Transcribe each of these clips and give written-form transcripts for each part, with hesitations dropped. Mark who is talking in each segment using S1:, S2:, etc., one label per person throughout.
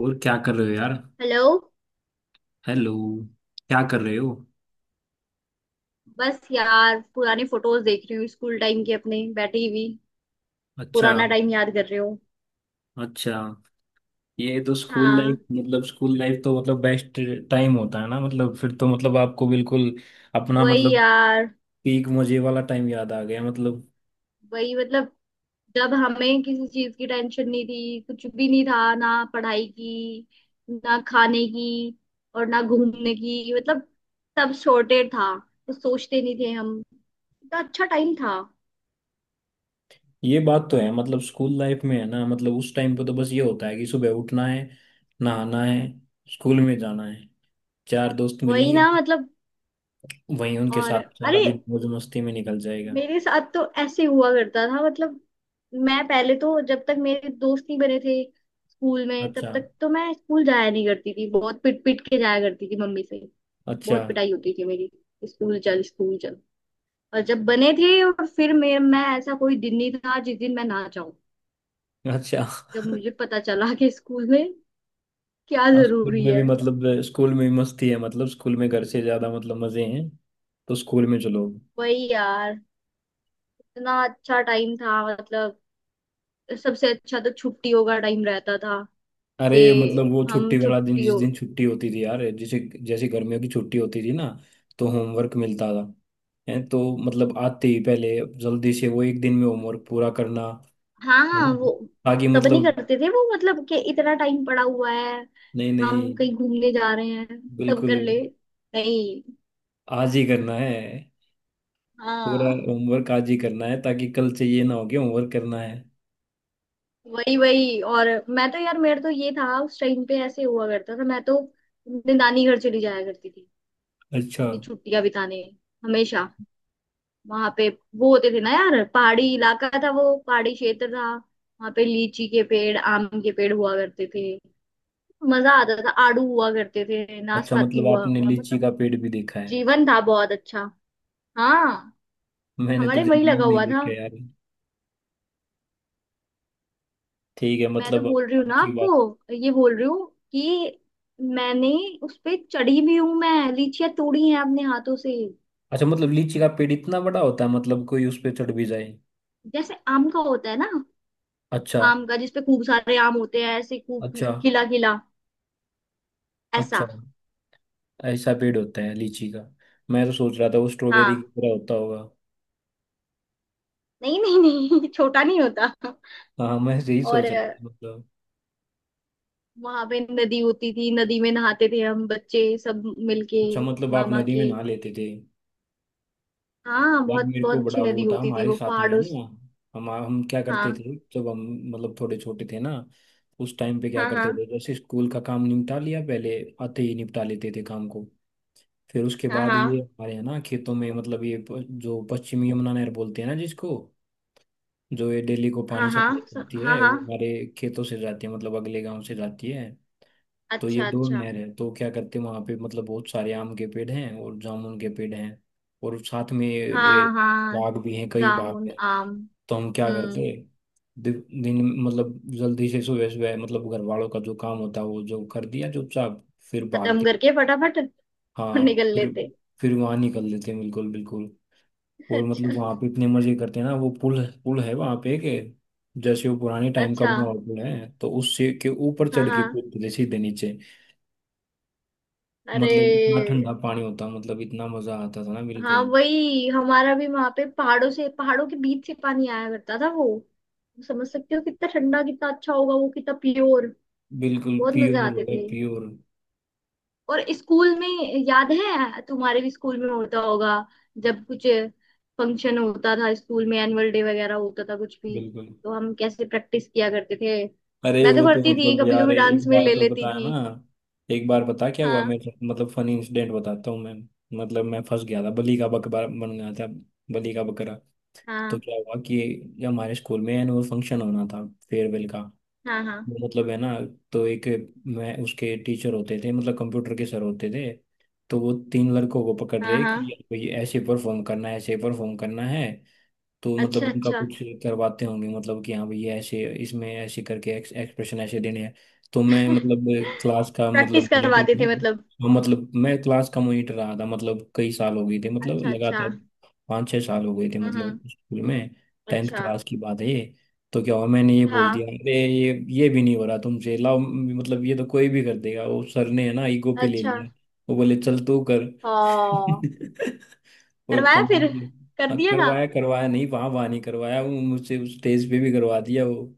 S1: और क्या कर रहे हो यार।
S2: हेलो।
S1: हेलो। क्या कर रहे हो।
S2: बस यार पुरानी फोटोज देख रही हूँ स्कूल टाइम की अपने बैठी हुई।
S1: अच्छा।
S2: पुराना टाइम याद कर रही हूँ।
S1: अच्छा। ये तो स्कूल लाइफ
S2: हाँ।
S1: मतलब स्कूल लाइफ तो मतलब बेस्ट टाइम होता है ना, मतलब फिर तो मतलब आपको बिल्कुल अपना
S2: वही
S1: मतलब
S2: यार।
S1: पीक मजे वाला टाइम याद आ गया मतलब।
S2: वही मतलब। जब हमें किसी चीज की टेंशन नहीं थी, कुछ भी नहीं था ना, पढ़ाई की, ना खाने की और ना घूमने की, मतलब सब सॉर्टेड था। कुछ सोचते नहीं थे हम। इतना अच्छा टाइम था।
S1: ये बात तो है मतलब स्कूल लाइफ में है ना, मतलब उस टाइम पे तो बस ये होता है कि सुबह उठना है, नहाना है, स्कूल में जाना है, चार दोस्त
S2: वही
S1: मिलेंगे,
S2: ना मतलब।
S1: वहीं उनके
S2: और
S1: साथ सारा
S2: अरे,
S1: दिन मौज मस्ती में निकल जाएगा।
S2: मेरे साथ तो ऐसे हुआ करता था मतलब, मैं पहले तो जब तक मेरे दोस्त नहीं बने थे स्कूल में, तब
S1: अच्छा।
S2: तक तो मैं स्कूल जाया नहीं करती थी, बहुत पिट पिट के जाया करती थी मम्मी से।
S1: अच्छा।
S2: बहुत पिटाई होती थी मेरी। स्कूल चल, स्कूल चल। और जब बने थे और फिर मैं ऐसा कोई दिन नहीं था जिस दिन मैं ना जाऊं।
S1: अच्छा।
S2: जब मुझे पता चला कि स्कूल में क्या
S1: हाँ, स्कूल
S2: जरूरी
S1: में भी
S2: है।
S1: मतलब स्कूल में भी मस्ती है, मतलब स्कूल में घर से ज्यादा मतलब मजे हैं, तो स्कूल में चलो।
S2: वही यार। इतना अच्छा टाइम था मतलब। सबसे अच्छा तो छुट्टियों का टाइम रहता था।
S1: अरे
S2: कि
S1: मतलब वो छुट्टी
S2: हम
S1: वाला दिन जिस
S2: छुट्टियों।
S1: दिन छुट्टी होती थी यार, जैसे जैसे गर्मियों की छुट्टी होती थी ना, तो होमवर्क मिलता था है तो, मतलब आते ही पहले जल्दी से वो एक दिन में होमवर्क पूरा करना, है
S2: हाँ,
S1: ना?
S2: वो
S1: ताकि
S2: तब नहीं
S1: मतलब
S2: करते थे वो मतलब कि इतना टाइम पड़ा हुआ है।
S1: नहीं
S2: हम
S1: नहीं
S2: कहीं घूमने जा रहे हैं। तब
S1: बिल्कुल
S2: कर ले। नहीं।
S1: आज ही करना है, पूरा
S2: हाँ।
S1: होमवर्क आज ही करना है, ताकि कल से ये ना हो कि होमवर्क करना है।
S2: वही वही। और मैं तो यार, मेरा तो ये था उस टाइम पे, ऐसे हुआ करता था, मैं तो अपने नानी घर चली जाया करती थी।
S1: अच्छा।
S2: अपनी छुट्टियां बिताने। हमेशा। वहां पे वो होते थे ना यार, पहाड़ी इलाका था, वो पहाड़ी क्षेत्र था, वहां पे लीची के पेड़, आम के पेड़ हुआ करते थे। मजा आता था। आड़ू हुआ करते थे,
S1: अच्छा
S2: नाशपाती
S1: मतलब
S2: हुआ।
S1: आपने लीची
S2: मतलब
S1: का पेड़ भी देखा है।
S2: जीवन था बहुत अच्छा। हाँ।
S1: मैंने तो
S2: हमारे वही
S1: जिंदगी में
S2: लगा
S1: नहीं
S2: हुआ था।
S1: देखा यार। ठीक है
S2: मैं तो
S1: मतलब अब
S2: बोल रही हूँ ना
S1: आपकी बात।
S2: आपको, ये बोल रही हूँ कि मैंने उस पे चढ़ी भी हूँ, मैं लीचियां तोड़ी हैं अपने हाथों से।
S1: अच्छा मतलब लीची का पेड़ इतना बड़ा होता है मतलब कोई उस पे चढ़ भी जाए।
S2: जैसे आम का होता है ना,
S1: अच्छा।
S2: आम का जिसपे खूब सारे आम होते हैं ऐसे खूब
S1: अच्छा।
S2: खिला खिला। ऐसा।
S1: अच्छा ऐसा पेड़ होता है लीची का। मैं तो सोच रहा था वो स्ट्रॉबेरी की
S2: हाँ।
S1: तरह होता होगा।
S2: नहीं, नहीं, नहीं, छोटा नहीं होता।
S1: हाँ मैं यही
S2: और
S1: सोच रहा था मतलब।
S2: वहां पे नदी होती थी, नदी में नहाते थे हम बच्चे सब मिलके।
S1: अच्छा मतलब आप
S2: मामा
S1: नदी में
S2: के।
S1: नहा लेते थे।
S2: हाँ।
S1: यार
S2: बहुत
S1: मेरे
S2: बहुत
S1: को
S2: अच्छी
S1: बड़ा
S2: नदी
S1: वो था
S2: होती थी
S1: हमारे
S2: वो
S1: साथ में है
S2: पहाड़ों
S1: ना,
S2: से।
S1: हम क्या करते
S2: हाँ,
S1: थे जब हम मतलब थोड़े छोटे थे ना, उस टाइम पे क्या
S2: हाँ, हाँ,
S1: करते थे, जैसे स्कूल का काम निपटा लिया पहले, आते ही निपटा लेते थे काम को। फिर उसके
S2: हाँ,
S1: बाद ये
S2: हाँ,
S1: हमारे यहाँ ना खेतों में मतलब ये जो पश्चिमी यमुना नहर बोलते हैं ना जिसको, जो ये डेली को
S2: हाँ,
S1: पानी
S2: हाँ,
S1: सप्लाई करती
S2: हाँ,
S1: है,
S2: हाँ।
S1: वो हमारे खेतों से जाती है, मतलब अगले गांव से जाती है। तो ये
S2: अच्छा,
S1: दो
S2: अच्छा।
S1: नहर है, तो क्या करते हैं वहाँ पे, मतलब बहुत सारे आम के पेड़ हैं और जामुन के पेड़ हैं, और साथ में ये
S2: हाँ, हाँ।
S1: बाग भी हैं, कई बाग
S2: जामुन
S1: हैं।
S2: आम।
S1: तो हम क्या
S2: हम्म।
S1: करते दि, दिन मतलब जल्दी से सुबह सुबह मतलब घर वालों का जो काम होता है वो जो कर दिया चुपचाप, फिर
S2: खत्म
S1: भागते,
S2: करके फटाफट
S1: हाँ,
S2: निकल
S1: फिर
S2: लेते।
S1: फिर वहां निकल लेते हैं बिल्कुल बिल्कुल। और
S2: अच्छा,
S1: मतलब वहां पे इतने मजे करते हैं ना, वो पुल पुल है वहां पे के, जैसे वो पुराने टाइम का
S2: अच्छा।
S1: बना हुआ पुल है, तो उससे के ऊपर
S2: हाँ,
S1: चढ़ के
S2: हाँ।
S1: कूदते थे सीधे नीचे।
S2: अरे।
S1: मतलब इतना ठंडा पानी होता मतलब इतना मजा आता था ना
S2: हाँ,
S1: बिल्कुल।
S2: वही हमारा भी, वहां पे पहाड़ों से, पहाड़ों के बीच से पानी आया करता था वो। समझ सकते हो कितना ठंडा, कितना अच्छा होगा वो, कितना प्योर।
S1: बिल्कुल
S2: बहुत मजे
S1: प्योर
S2: आते
S1: होगा
S2: थे।
S1: प्योर।
S2: और स्कूल में याद है, तुम्हारे भी स्कूल में होता होगा, जब कुछ फंक्शन होता था स्कूल में, एनुअल डे वगैरह होता था, कुछ भी
S1: बिल्कुल।
S2: तो हम कैसे प्रैक्टिस किया करते थे।
S1: अरे
S2: मैं तो
S1: वो तो
S2: करती थी
S1: मतलब
S2: कभी
S1: यार
S2: कभी, डांस
S1: एक
S2: में
S1: बार
S2: ले
S1: तो
S2: लेती
S1: बताया ना।
S2: थी।
S1: एक बार बता क्या हुआ
S2: हाँ,
S1: मेरे साथ, मतलब फनी इंसिडेंट बताता हूँ मैं। मतलब मैं फंस गया था बलि का बकरा बन गया था, बलि का बकरा। तो
S2: हाँ,
S1: क्या हुआ कि ये हमारे स्कूल में एनुअल फंक्शन होना था, फेयरवेल का,
S2: हाँ, हाँ,
S1: वो मतलब है ना। तो एक, मैं उसके टीचर होते थे मतलब कंप्यूटर के सर होते थे, तो वो 3 लड़कों को पकड़
S2: हाँ,
S1: रहे
S2: हाँ।
S1: कि भाई ऐसे परफॉर्म करना है ऐसे परफॉर्म करना है। तो मतलब
S2: अच्छा,
S1: उनका
S2: अच्छा।
S1: कुछ करवाते होंगे मतलब कि हाँ भैया ऐसे इसमें ऐसे करके एक्सप्रेशन ऐसे देने हैं। तो मैं मतलब क्लास का मतलब
S2: प्रैक्टिस
S1: मॉनिटर
S2: करवाते
S1: था।
S2: थे मतलब।
S1: हाँ, मतलब मैं क्लास का मॉनिटर रहा था, मतलब कई साल हो गए थे मतलब
S2: अच्छा, अच्छा।
S1: लगातार 5-6 साल हो गए थे
S2: हम्म, हम्म।
S1: मतलब स्कूल में। टेंथ
S2: अच्छा।
S1: क्लास की बात है ये। तो क्या हुआ मैंने ये बोल
S2: हाँ।
S1: दिया अरे ये भी नहीं हो रहा तुमसे, लाओ मतलब ये तो कोई भी कर देगा। वो सर ने है ना ईगो पे ले
S2: अच्छा।
S1: लिया। वो बोले चल तू कर।
S2: हाँ।
S1: और
S2: करवाया फिर।
S1: कमाल।
S2: कर
S1: हाँ,
S2: दिया था।
S1: करवाया, करवाया नहीं वहां, वहां नहीं करवाया, वो मुझसे उस स्टेज पे भी करवा दिया वो।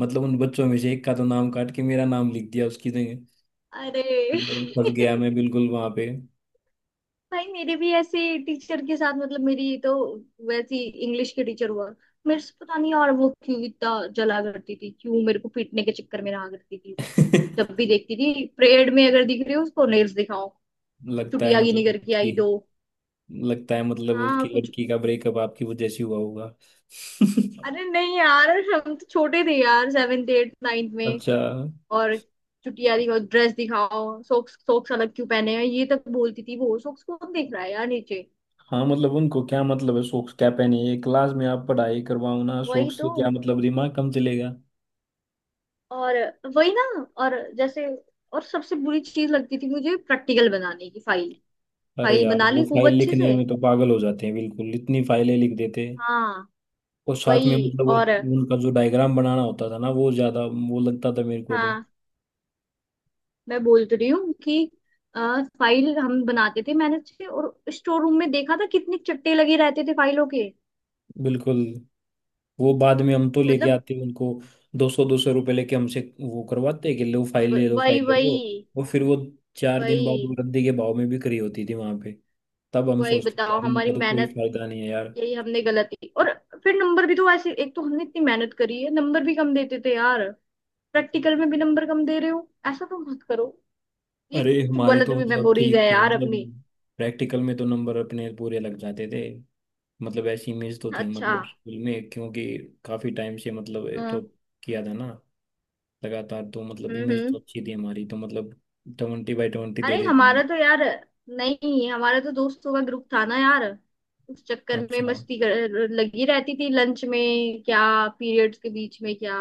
S1: मतलब उन बच्चों में से एक का तो नाम काट के मेरा नाम लिख दिया उसकी जगह।
S2: अरे
S1: मतलब फंस गया मैं बिल्कुल वहां पे।
S2: भाई, मेरे भी ऐसे टीचर के साथ मतलब, मेरी तो वैसी इंग्लिश के टीचर हुआ, मेरे से पता नहीं यार वो क्यों इतना जला करती थी, क्यों मेरे को पीटने के चक्कर में रहा करती थी वो। जब भी देखती थी परेड में, अगर दिख रही हो उसको, नेल्स दिखाओ,
S1: लगता है
S2: चुटियागी
S1: मतलब
S2: निकर के
S1: कि
S2: आई, दो।
S1: लगता है मतलब
S2: हाँ,
S1: उसकी
S2: कुछ।
S1: लड़की का ब्रेकअप आपकी वजह से हुआ होगा।
S2: अरे नहीं यार, हम तो छोटे थे यार, सेवेंथ, एट, नाइन्थ में।
S1: अच्छा।
S2: और चुटिया दिखाओ, ड्रेस दिखाओ, सॉक्स, सॉक्स अलग क्यों पहने हैं, ये तक बोलती थी वो। सॉक्स कौन देख रहा है यार नीचे।
S1: हाँ मतलब उनको क्या मतलब है, शौक क्या पहने, ये क्लास में आप पढ़ाई करवाओ ना, शौक
S2: वही तो।
S1: से क्या मतलब, दिमाग कम चलेगा।
S2: और वही ना। और जैसे और सबसे बुरी चीज लगती थी मुझे, प्रैक्टिकल बनाने की फाइल।
S1: अरे
S2: फाइल
S1: यार
S2: बना
S1: वो
S2: ली खूब
S1: फाइल
S2: अच्छे
S1: लिखने
S2: से।
S1: में तो पागल हो जाते हैं, बिल्कुल इतनी फाइलें लिख देते हैं।
S2: हाँ।
S1: और साथ में
S2: वही।
S1: मतलब वो
S2: और।
S1: उनका जो डायग्राम बनाना होता था ना, वो ज्यादा वो लगता था मेरे को तो।
S2: हाँ। मैं बोल तो रही हूँ कि अ, फाइल हम बनाते थे मैनेज से, और स्टोर रूम में देखा था कितने चट्टे लगे रहते थे फाइलों के।
S1: बिल्कुल। वो बाद में हम तो लेके
S2: मतलब
S1: आते उनको, दो सौ रुपये लेके हमसे वो करवाते कि लो फाइल ले लो
S2: वही
S1: फाइल ले लो।
S2: वही।
S1: और फिर वो 4 दिन बाद वो
S2: वही
S1: रद्दी के भाव में बिक्री होती थी वहां पे। तब हम
S2: वही
S1: सोचते थे,
S2: बताओ,
S1: यार इनका
S2: हमारी
S1: तो कोई
S2: मेहनत।
S1: फायदा नहीं है यार।
S2: यही हमने गलती। और फिर नंबर भी तो ऐसे, एक तो हमने इतनी मेहनत करी है, नंबर भी कम देते थे यार। प्रैक्टिकल में भी नंबर कम दे रहे हो, ऐसा तो मत करो। ये
S1: अरे
S2: कुछ
S1: हमारे तो
S2: गलत भी
S1: मतलब
S2: मेमोरीज
S1: ठीक
S2: है
S1: थे
S2: यार
S1: मतलब,
S2: अपनी।
S1: प्रैक्टिकल में तो नंबर अपने पूरे लग जाते थे, मतलब ऐसी इमेज तो थी
S2: अच्छा।
S1: मतलब स्कूल में, क्योंकि काफी टाइम से मतलब ये तो
S2: हाँ।
S1: किया था ना लगातार, तो मतलब
S2: हम्म,
S1: इमेज तो
S2: हम्म।
S1: अच्छी थी हमारी तो मतलब, 20/20 दे
S2: अरे
S1: देते थे।
S2: हमारा तो यार, नहीं हमारा तो दोस्तों का ग्रुप था ना यार, उस चक्कर में
S1: अच्छा।
S2: मस्ती कर लगी रहती थी लंच में, क्या पीरियड्स के बीच में, क्या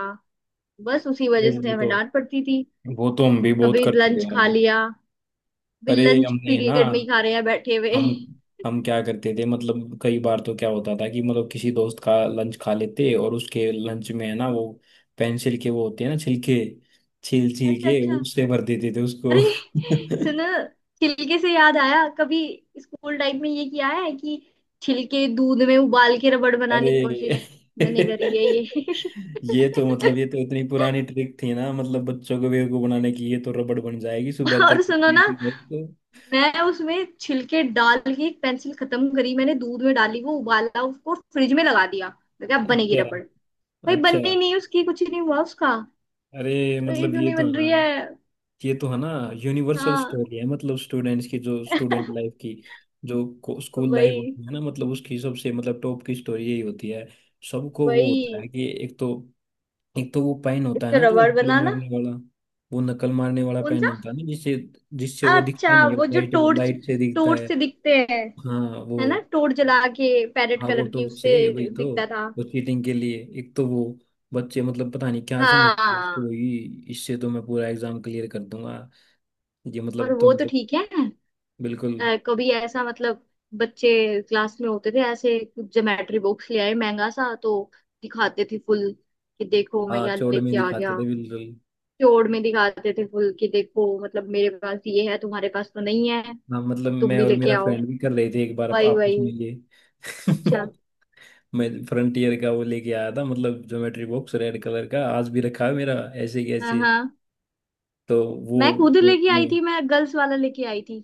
S2: बस उसी
S1: अरे
S2: वजह से
S1: वो तो,
S2: हमें डांट पड़ती थी।
S1: वो तो हम भी बहुत
S2: कभी
S1: करते
S2: लंच
S1: थे यार।
S2: खा लिया भी
S1: अरे
S2: लंच
S1: हमने है ना,
S2: पीरियड में ही खा रहे हैं बैठे हुए।
S1: हम हम क्या करते थे मतलब कई बार तो क्या होता था कि मतलब किसी दोस्त का लंच खा लेते और उसके लंच में है ना वो पेंसिल के वो होते हैं ना छिलके, छील छील
S2: अच्छा,
S1: के
S2: अच्छा।
S1: उससे भर देते थे उसको।
S2: अरे सुनो, छिलके से याद आया, कभी स्कूल टाइम में ये किया है कि छिलके दूध में उबाल के रबड़
S1: अरे
S2: बनाने की कोशिश? मैंने करी है ये।
S1: ये तो मतलब ये तो इतनी पुरानी ट्रिक थी ना मतलब बच्चों को बेवकूफ बनाने की, ये तो रबड़ बन जाएगी सुबह तक
S2: और सुनो ना,
S1: तो।
S2: मैं उसमें छिलके डाल के एक पेंसिल खत्म करी, मैंने दूध में डाली, वो उबाला, उसको फ्रिज में लगा दिया। मैं क्या बनेगी
S1: अच्छा।
S2: रबड़। भाई,
S1: अच्छा
S2: बनी नहीं, उसकी कुछ नहीं हुआ उसका।
S1: अरे
S2: ये
S1: मतलब
S2: क्यों
S1: ये
S2: नहीं
S1: तो
S2: बन रही
S1: है
S2: है?
S1: ना ये तो है ना यूनिवर्सल
S2: हाँ।
S1: स्टोरी है, मतलब स्टूडेंट्स की, जो स्टूडेंट लाइफ की, जो स्कूल लाइफ
S2: वही
S1: होती है ना, मतलब उसकी सबसे मतलब टॉप की स्टोरी यही होती है। सबको वो
S2: वही।
S1: होता है कि एक तो वो पेन
S2: एक
S1: होता है
S2: तो
S1: ना जो
S2: रबड़
S1: नकल
S2: बनाना।
S1: मारने वाला, वो नकल मारने वाला
S2: कौन
S1: पेन
S2: सा?
S1: होता है ना, जिससे, जिससे वो
S2: अच्छा,
S1: दिखता नहीं है,
S2: वो जो
S1: लाइट
S2: टोर्च,
S1: लाइट से दिखता
S2: टोर्च
S1: है।
S2: से दिखते हैं,
S1: हाँ
S2: है ना,
S1: वो,
S2: टोर्च जला के, पैरेट
S1: हाँ वो
S2: कलर की,
S1: टॉर्च से
S2: उससे
S1: वही तो,
S2: दिखता था।
S1: वो चीटिंग के लिए एक तो वो बच्चे मतलब पता नहीं क्या समझते हैं
S2: हाँ।
S1: उसको वही, इससे तो मैं पूरा एग्जाम क्लियर कर दूंगा। ये
S2: और
S1: मतलब तो
S2: वो तो
S1: मतलब
S2: ठीक है।
S1: बिल्कुल।
S2: कभी ऐसा मतलब बच्चे क्लास में होते थे ऐसे, ज्योमेट्री बॉक्स ले आए महंगा सा, तो दिखाते थे फुल कि देखो मैं
S1: हाँ
S2: क्या
S1: चौड़ में
S2: लेके आ
S1: दिखाते
S2: गया।
S1: थे बिल्कुल।
S2: चोर में दिखाते थे फुल कि देखो, मतलब मेरे पास ये है, तुम्हारे पास तो नहीं है,
S1: हाँ मतलब
S2: अब तुम
S1: मैं
S2: भी
S1: और
S2: लेके
S1: मेरा
S2: आओ।
S1: फ्रेंड भी कर रहे थे एक बार
S2: वही
S1: आपस
S2: वही।
S1: में ये।
S2: अच्छा।
S1: मैं फ्रंटियर का वो लेके आया था, मतलब ज्योमेट्री बॉक्स रेड कलर का आज भी रखा है मेरा। ऐसे
S2: हाँ,
S1: कैसे,
S2: हाँ।
S1: तो वो
S2: मैं खुद
S1: वो
S2: लेके आई
S1: अपने,
S2: थी, मैं गर्ल्स वाला लेके आई थी।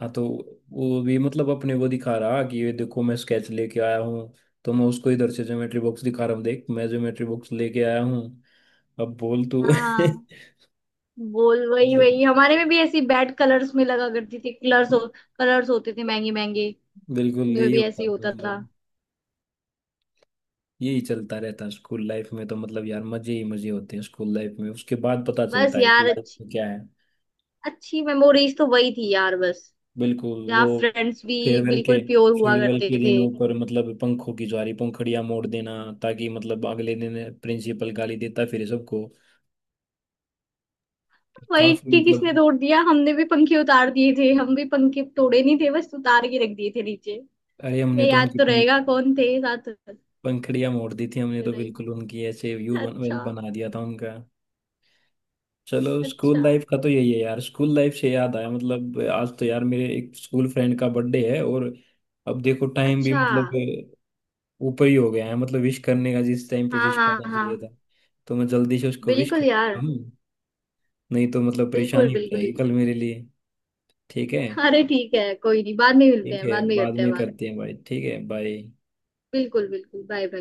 S1: हाँ तो वो भी मतलब अपने वो दिखा रहा कि ये देखो मैं स्केच लेके आया हूँ, तो मैं उसको इधर से ज्योमेट्री बॉक्स दिखा रहा हूँ देख मैं ज्योमेट्री बॉक्स लेके आया हूँ, अब बोल तू।
S2: हाँ। बोल वही
S1: मतलब
S2: वही, हमारे में भी ऐसी बैड कलर्स में लगा करती थी, कलर्स होते थे महंगे महंगे।
S1: बिल्कुल
S2: उनमें
S1: यही
S2: भी ऐसे ही
S1: होता था,
S2: होता था।
S1: मतलब यही चलता रहता स्कूल लाइफ में, तो मतलब यार मजे ही मजे होते हैं स्कूल लाइफ में, उसके बाद पता
S2: बस
S1: चलता है
S2: यार,
S1: लाइफ
S2: अच्छी
S1: में क्या है।
S2: अच्छी मेमोरीज तो वही थी यार बस।
S1: बिल्कुल वो
S2: जहाँ फ्रेंड्स भी
S1: फेयरवेल के,
S2: बिल्कुल प्योर हुआ
S1: फेयरवेल
S2: करते
S1: के
S2: थे।
S1: दिन ऊपर मतलब पंखों की ज्वारी पंखड़ियां मोड़ देना, ताकि मतलब अगले दिन प्रिंसिपल गाली देता फिर सबको।
S2: वही
S1: काफी
S2: कि किसने
S1: मतलब,
S2: तोड़ दिया, हमने भी पंखे उतार दिए थे, हम भी पंखे तोड़े नहीं थे, बस उतार के रख दिए थे नीचे।
S1: अरे हमने
S2: ये
S1: तो
S2: याद
S1: उनकी
S2: तो रहेगा कौन थे साथ।
S1: पंखड़ियां मोड़ दी थी हमने तो,
S2: टाइम।
S1: बिल्कुल उनकी ऐसे
S2: अच्छा,
S1: वेल बना दिया था उनका। चलो
S2: अच्छा।
S1: स्कूल लाइफ का तो यही है यार। स्कूल लाइफ से याद आया, मतलब आज तो यार मेरे एक स्कूल फ्रेंड का बर्थडे है, और अब देखो टाइम भी
S2: अच्छा।
S1: मतलब ऊपर ही हो गया है मतलब विश करने का, जिस टाइम पे
S2: हाँ,
S1: विश
S2: हाँ,
S1: करना
S2: हाँ।
S1: चाहिए था, तो मैं जल्दी से उसको विश
S2: बिल्कुल
S1: कर देता
S2: यार।
S1: हूँ। नहीं तो मतलब
S2: बिल्कुल
S1: परेशानी हो
S2: बिल्कुल।
S1: जाएगी कल मेरे लिए। ठीक है।
S2: अरे ठीक है, कोई नहीं, बाद में मिलते
S1: ठीक
S2: हैं,
S1: है,
S2: बाद में
S1: बाद
S2: करते हैं
S1: में
S2: बात।
S1: करते हैं भाई, ठीक है बाय।
S2: बिल्कुल बिल्कुल, बाय बाय।